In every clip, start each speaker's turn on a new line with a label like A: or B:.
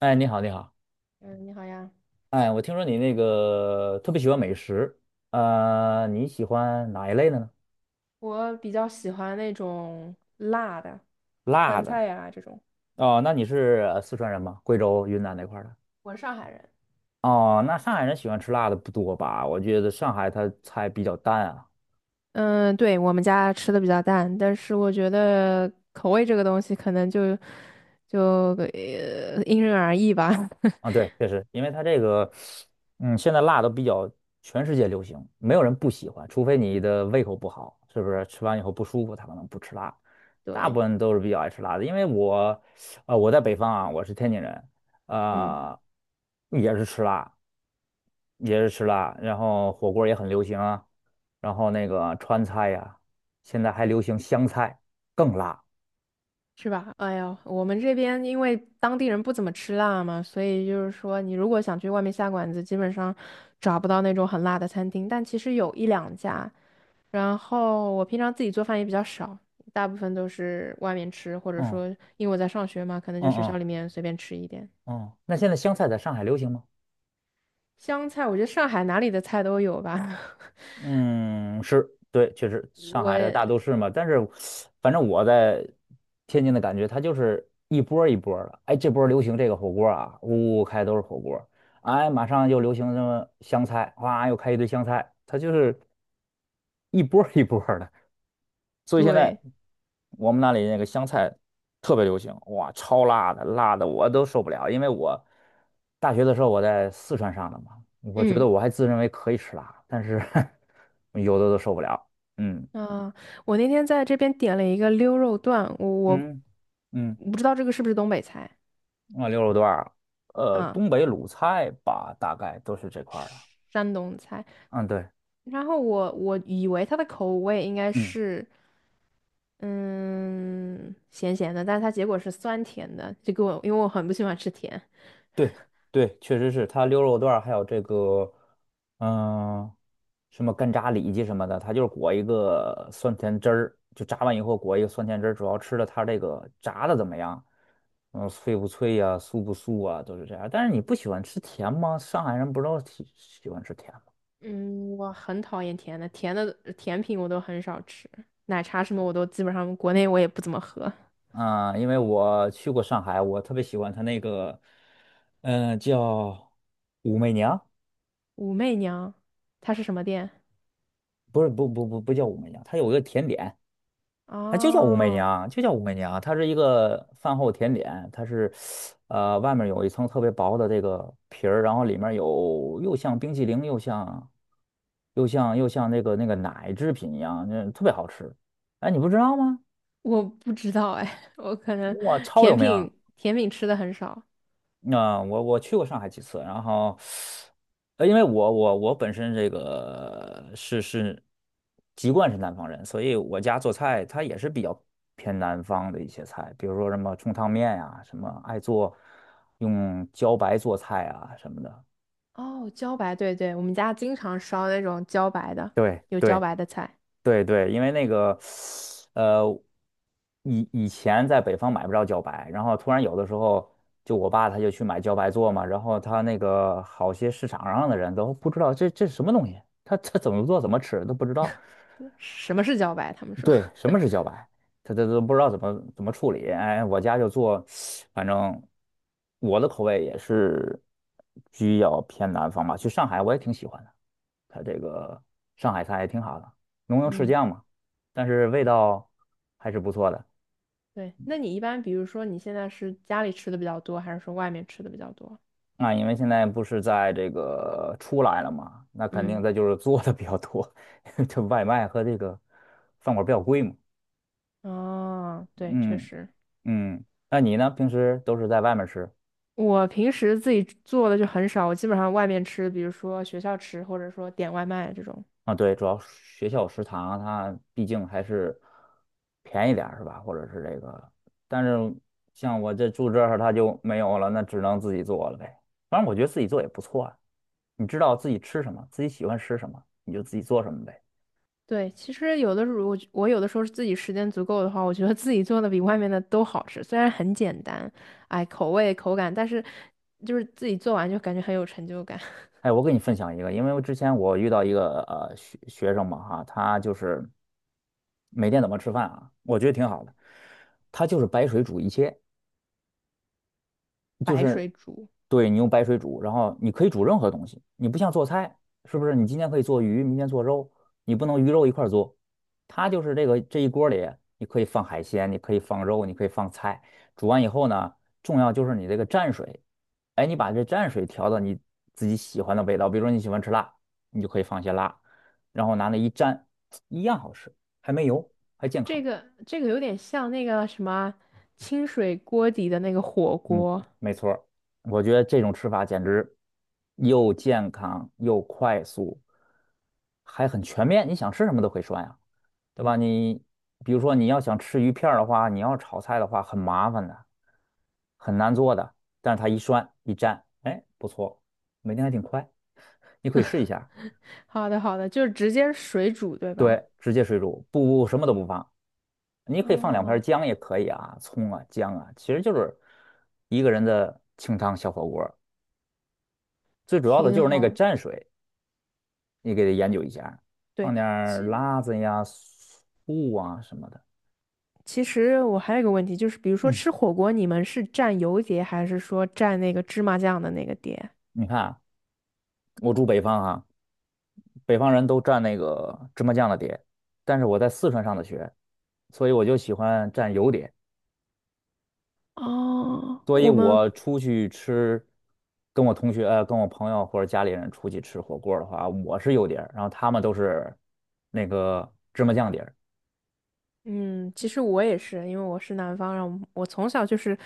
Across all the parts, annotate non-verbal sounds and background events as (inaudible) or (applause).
A: 哎，你好，你好。
B: 嗯，你好呀。
A: 哎，我听说你那个特别喜欢美食，你喜欢哪一类的呢？
B: 我比较喜欢那种辣的，
A: 辣
B: 川
A: 的。
B: 菜呀、这种。
A: 哦，那你是四川人吗？贵州、云南那块儿的？
B: 我是上海人。
A: 哦，那上海人喜欢吃辣的不多吧？我觉得上海它菜比较淡啊。
B: 嗯，对，我们家吃的比较淡，但是我觉得口味这个东西可能就因人而异吧。(laughs)
A: 啊，对，确实，因为它这个，嗯，现在辣都比较全世界流行，没有人不喜欢，除非你的胃口不好，是不是？吃完以后不舒服，他可能不吃辣。大
B: 对，
A: 部分都是比较爱吃辣的，因为我，我在北方啊，我是天津人，
B: 嗯。
A: 啊、也是吃辣，也是吃辣，然后火锅也很流行啊，然后那个川菜呀、现在还流行湘菜，更辣。
B: 是吧？哎呀，我们这边因为当地人不怎么吃辣嘛，所以就是说，你如果想去外面下馆子，基本上找不到那种很辣的餐厅。但其实有一两家，然后我平常自己做饭也比较少，大部分都是外面吃，或者
A: 嗯
B: 说因为我在上学嘛，可能就
A: 嗯。
B: 学校
A: 嗯
B: 里面随便吃一点。
A: 嗯，那现在湘菜在上海流行吗？
B: 香菜，我觉得上海哪里的菜都有吧。(laughs)
A: 嗯，是，对，确实，上海的
B: 我
A: 大都市嘛，但是反正我在天津的感觉，它就是一波儿一波儿的。哎，这波儿流行这个火锅儿啊，呜呜开都是火锅儿哎，马上又流行什么湘菜，哇，又开一堆湘菜，它就是一波儿一波儿的。所以现
B: 对，
A: 在我们那里那个湘菜特别流行，哇，超辣的，辣的我都受不了。因为我大学的时候我在四川上的嘛，我觉
B: 嗯。
A: 得我还自认为可以吃辣，但是 (laughs) 有的都受不了。嗯。
B: 啊，我那天在这边点了一个溜肉段，我我
A: 嗯嗯，
B: 我不知道这个是不是东北菜
A: 啊，牛肉段儿，
B: 啊，
A: 东北鲁菜吧，大概都是这块儿的。
B: 山东菜。
A: 嗯，对。
B: 然后我以为它的口味应该
A: 嗯。
B: 是嗯咸咸的，但是它结果是酸甜的，这个我因为我很不喜欢吃甜，
A: 对对，确实是它溜肉段儿，还有这个，嗯、什么干炸里脊什么的，它就是裹一个酸甜汁儿，就炸完以后裹一个酸甜汁儿，主要吃的它这个炸的怎么样，嗯、脆不脆呀、酥不酥啊，都是这样。但是你不喜欢吃甜吗？上海人不都喜欢吃甜吗？
B: 嗯，我很讨厌甜的，甜的甜品我都很少吃，奶茶什么我都基本上国内我也不怎么喝。
A: 啊、因为我去过上海，我特别喜欢它那个，嗯、叫武媚娘。
B: 武媚娘，它是什么店？
A: 不是不不不不叫武媚娘，它有一个甜点。它就叫武媚
B: 哦。
A: 娘，就叫武媚娘，它是一个饭后甜点，它是，外面有一层特别薄的这个皮儿，然后里面有又像冰淇淋，又像那个奶制品一样，那特别好吃。哎，你不知道吗？
B: 我不知道哎，(laughs) 我可能
A: 哇，超有
B: 甜
A: 名！
B: 品甜品吃的很少。
A: 那、我去过上海几次，然后，因为我本身这个是籍贯是南方人，所以我家做菜它也是比较偏南方的一些菜，比如说什么冲汤面呀、什么爱做用茭白做菜啊什么的。
B: 哦，茭白，对对，我们家经常烧那种茭白的，
A: 对
B: 有茭
A: 对。
B: 白的菜。
A: 对对，因为那个，呃，以前在北方买不着茭白，然后突然有的时候，就我爸他就去买茭白做嘛，然后他那个好些市场上的人都不知道这是什么东西，他怎么做怎么吃都不知道，
B: 什么是茭白？他们说。
A: 对，
B: (laughs)
A: 什么是茭白？他都不知道怎么处理。哎，我家就做，反正我的口味也是比较偏南方吧。去上海我也挺喜欢的，它这个上海菜也挺好的，浓油赤
B: 嗯，
A: 酱嘛，但是味道还是不错的。
B: 对。那你一般，比如说你现在是家里吃的比较多，还是说外面吃的比较多？
A: 那因为现在不是在这个出来了嘛，那肯定
B: 嗯，
A: 它就是做的比较多，(laughs) 因为这外卖和这个饭馆比较贵嘛。
B: 哦，对，确
A: 嗯
B: 实。
A: 嗯，那你呢？平时都是在外面吃？
B: 我平时自己做的就很少，我基本上外面吃，比如说学校吃，或者说点外卖这种。
A: 啊，对，主要学校食堂它毕竟还是便宜点儿是吧？或者是这个，但是像我这住这儿它就没有了，那只能自己做了呗。反正我觉得自己做也不错啊，你知道自己吃什么，自己喜欢吃什么，你就自己做什么呗。
B: 对，其实有的时候我有的时候是自己时间足够的话，我觉得自己做的比外面的都好吃，虽然很简单，哎，口味口感，但是就是自己做完就感觉很有成就感。(laughs)
A: 哎，我给你分享一个，因为我之前我遇到一个学生嘛哈，他就是每天怎么吃饭啊，我觉得挺好的，他就是白水煮一切。就
B: 白
A: 是
B: 水煮
A: 对你用白水煮，然后你可以煮任何东西，你不像做菜，是不是？你今天可以做鱼，明天做肉，你不能鱼肉一块儿做。它就是这个这一锅里，你可以放海鲜，你可以放肉，你可以放菜。煮完以后呢，重要就是你这个蘸水，哎，你把这蘸水调到你自己喜欢的味道，比如说你喜欢吃辣，你就可以放些辣，然后拿那一蘸，一样好吃，还没油，还健
B: 这
A: 康。
B: 个这个有点像那个什么清水锅底的那个火
A: 嗯，
B: 锅。
A: 没错儿。我觉得这种吃法简直又健康又快速，还很全面。你想吃什么都可以涮呀，对吧？你比如说你要想吃鱼片儿的话，你要炒菜的话很麻烦的，很难做的。但是它一涮一蘸，哎，不错，每天还挺快。你可以试一下，
B: (laughs) 好的好的，就是直接水煮对吧？
A: 对，直接水煮，不什么都不放，你可以放两片儿
B: 哦，
A: 姜也可以啊，葱啊姜啊，其实就是一个人的清汤小火锅。最主要的就
B: 挺
A: 是那个
B: 好。
A: 蘸水，你给它研究一下，
B: 对，
A: 放点儿辣子呀、醋啊什么的。
B: 其实我还有一个问题，就是比如说
A: 嗯，
B: 吃火锅，你们是蘸油碟还是说蘸那个芝麻酱的那个碟？
A: 你看啊我住北方啊，北方人都蘸那个芝麻酱的碟，但是我在四川上的学，所以我就喜欢蘸油碟。
B: 哦，
A: 所以
B: 我们
A: 我出去吃，跟我同学、跟我朋友或者家里人出去吃火锅的话，我是油碟儿然后他们都是那个芝麻酱碟儿。
B: 嗯，其实我也是，因为我是南方人，然后我从小就是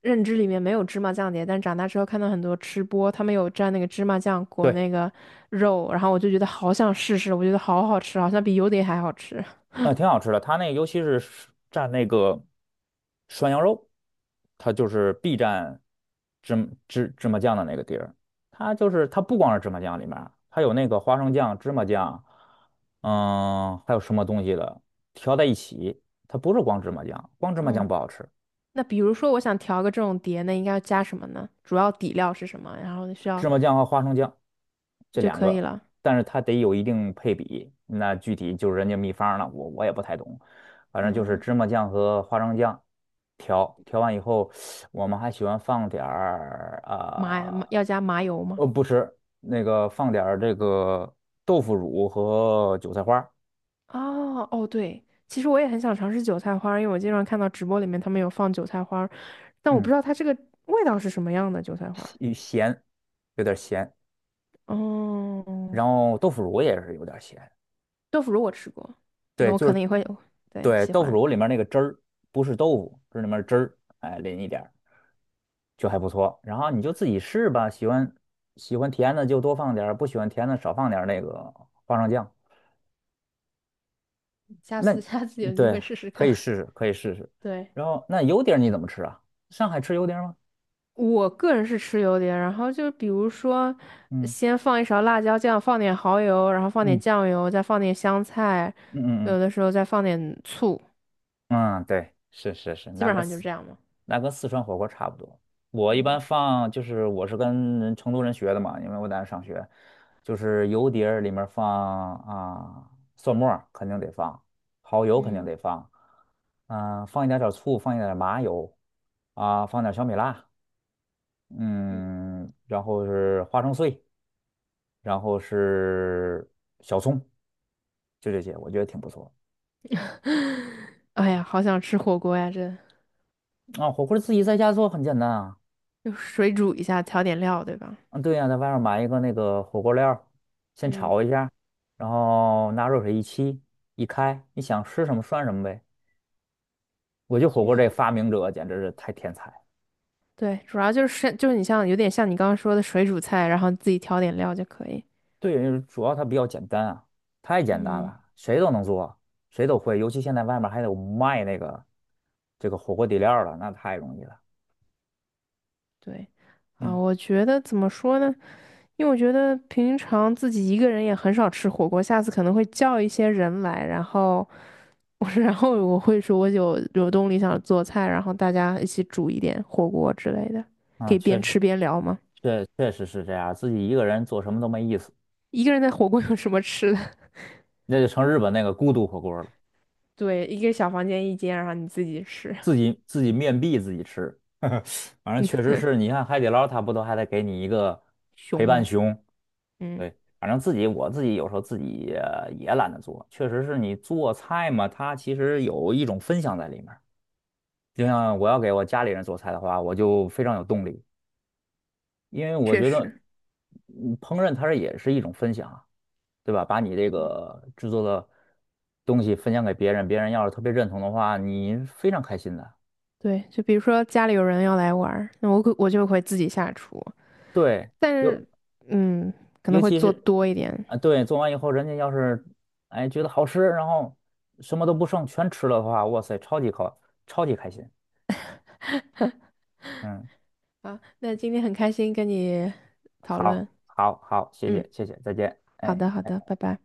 B: 认知里面没有芝麻酱碟，但长大之后看到很多吃播，他们有蘸那个芝麻酱裹
A: 对。
B: 那个肉，然后我就觉得好想试试，我觉得好好吃，好像比油碟还好吃。
A: 挺好吃的。它那个尤其是蘸那个涮羊肉，它就是必蘸芝麻酱的那个地儿。它就是它不光是芝麻酱里面儿，还有那个花生酱、芝麻酱，嗯，还有什么东西的调在一起。它不是光芝麻酱，光芝麻酱
B: 嗯，
A: 不好吃。
B: 那比如说我想调个这种碟，那应该要加什么呢？主要底料是什么？然后需要
A: 芝麻酱和花生酱这
B: 就
A: 两
B: 可以
A: 个，
B: 了。
A: 但是它得有一定配比。那具体就是人家秘方了，我也不太懂。反正就是
B: 嗯。
A: 芝麻酱和花生酱调完以后，我们还喜欢放点儿
B: 麻
A: 啊，
B: 麻要加麻油吗？
A: 不吃那个放点儿这个豆腐乳和韭菜花。
B: 哦哦，对，其实我也很想尝试韭菜花儿因为我经常看到直播里面他们有放韭菜花儿但我不
A: 嗯，
B: 知道它这个味道是什么样的韭菜花儿
A: 有咸，有点咸。
B: 哦，
A: 然后豆腐乳也是有点咸，
B: 豆腐乳我吃过，那
A: 对，
B: 我
A: 就
B: 可能
A: 是
B: 也会，对，
A: 对
B: 喜
A: 豆腐
B: 欢，
A: 乳里面那个汁儿，不是豆腐，是里面汁儿，哎，淋一点儿。就还不错。然后你就自己试吧，喜欢喜欢甜的就多放点儿，不喜欢甜的少放点儿那个花生酱。
B: 下
A: 那
B: 次 (laughs) 下次有机会
A: 对，
B: 试试
A: 可
B: 看。
A: 以试试，可以试试。
B: 对，
A: 然后那油碟儿你怎么吃啊？上海吃油碟儿吗？
B: 我个人是吃油碟，然后就比如说，
A: 嗯
B: 先放一勺辣椒酱，放点蚝油，然后放点
A: 嗯。
B: 酱油，再放点香菜，
A: 嗯嗯嗯，
B: 有的时候再放点醋，
A: 嗯，嗯对，是是是，
B: 基
A: 那
B: 本
A: 个。
B: 上就这样嘛。
A: 那跟四川火锅差不多。我一般
B: 嗯。
A: 放就是我是跟成都人学的嘛，因为我在那上学，就是油碟儿里面放啊蒜末儿肯定得放，蚝油肯定
B: 嗯
A: 得放，嗯、放一点点醋，放一点点麻油，啊，放点小米辣，
B: 嗯，
A: 嗯，然后是花生碎，然后是小葱，就这些，我觉得挺不错。
B: (laughs) 哎呀，好想吃火锅呀！这
A: 啊，火锅自己在家做很简单啊，
B: 就水煮一下，调点料，对吧？
A: 嗯，对呀、在外面买一个那个火锅料儿，先
B: 嗯，
A: 炒一下，然后拿热水一沏，一开，你想吃什么涮什么呗。我觉得火
B: 其
A: 锅
B: 实
A: 这发明者简直是太天才了。
B: 对，主要就是你像有点像你刚刚说的水煮菜，然后自己调点料就可以。
A: 对，主要它比较简单啊，太简单
B: 嗯
A: 了，谁都能做，谁都会。尤其现在外面还有卖那个这个火锅底料儿了，那太容易了。
B: 对，啊，
A: 嗯，
B: 我觉得怎么说呢？因为我觉得平常自己一个人也很少吃火锅，下次可能会叫一些人来，然后我 (laughs) 然后我会说我有动力想做菜，然后大家一起煮一点火锅之类的，可
A: 啊，
B: 以
A: 确
B: 边
A: 实。
B: 吃边聊吗？
A: 确确实是这样，自己一个人做什么都没意思，
B: 一个人在火锅有什么吃的？
A: 那就成日本那个孤独火锅了。
B: (laughs) 对，一个小房间一间，然后你自己吃。
A: 自己自己面壁自己吃，(laughs) 反正确实是你看海底捞，它不都还得给你一个陪伴
B: 熊，
A: 熊？
B: 嗯，
A: 对，反正自己我自己有时候自己也懒得做，确实是你做菜嘛，它其实有一种分享在里面儿就像我要给我家里人做菜的话，我就非常有动力，因为我
B: 确
A: 觉得
B: 实，
A: 嗯烹饪它是也是一种分享啊，对吧？把你这
B: 嗯，
A: 个制作的东西分享给别人，别人要是特别认同的话，你非常开心的。
B: 对，就比如说家里有人要来玩儿那我就会自己下厨，
A: 对。
B: 但
A: 有。
B: 是，嗯，可
A: 尤
B: 能会
A: 其
B: 做
A: 是
B: 多一点。
A: 啊，对，做完以后，人家要是哎觉得好吃，然后什么都不剩，全吃了的话，哇塞，超级高，超级开心。嗯，
B: 啊，那今天很开心跟你讨论，
A: 好，好，好，谢
B: 嗯，
A: 谢，谢谢，再见。
B: 好
A: 哎。
B: 的，好的，拜拜。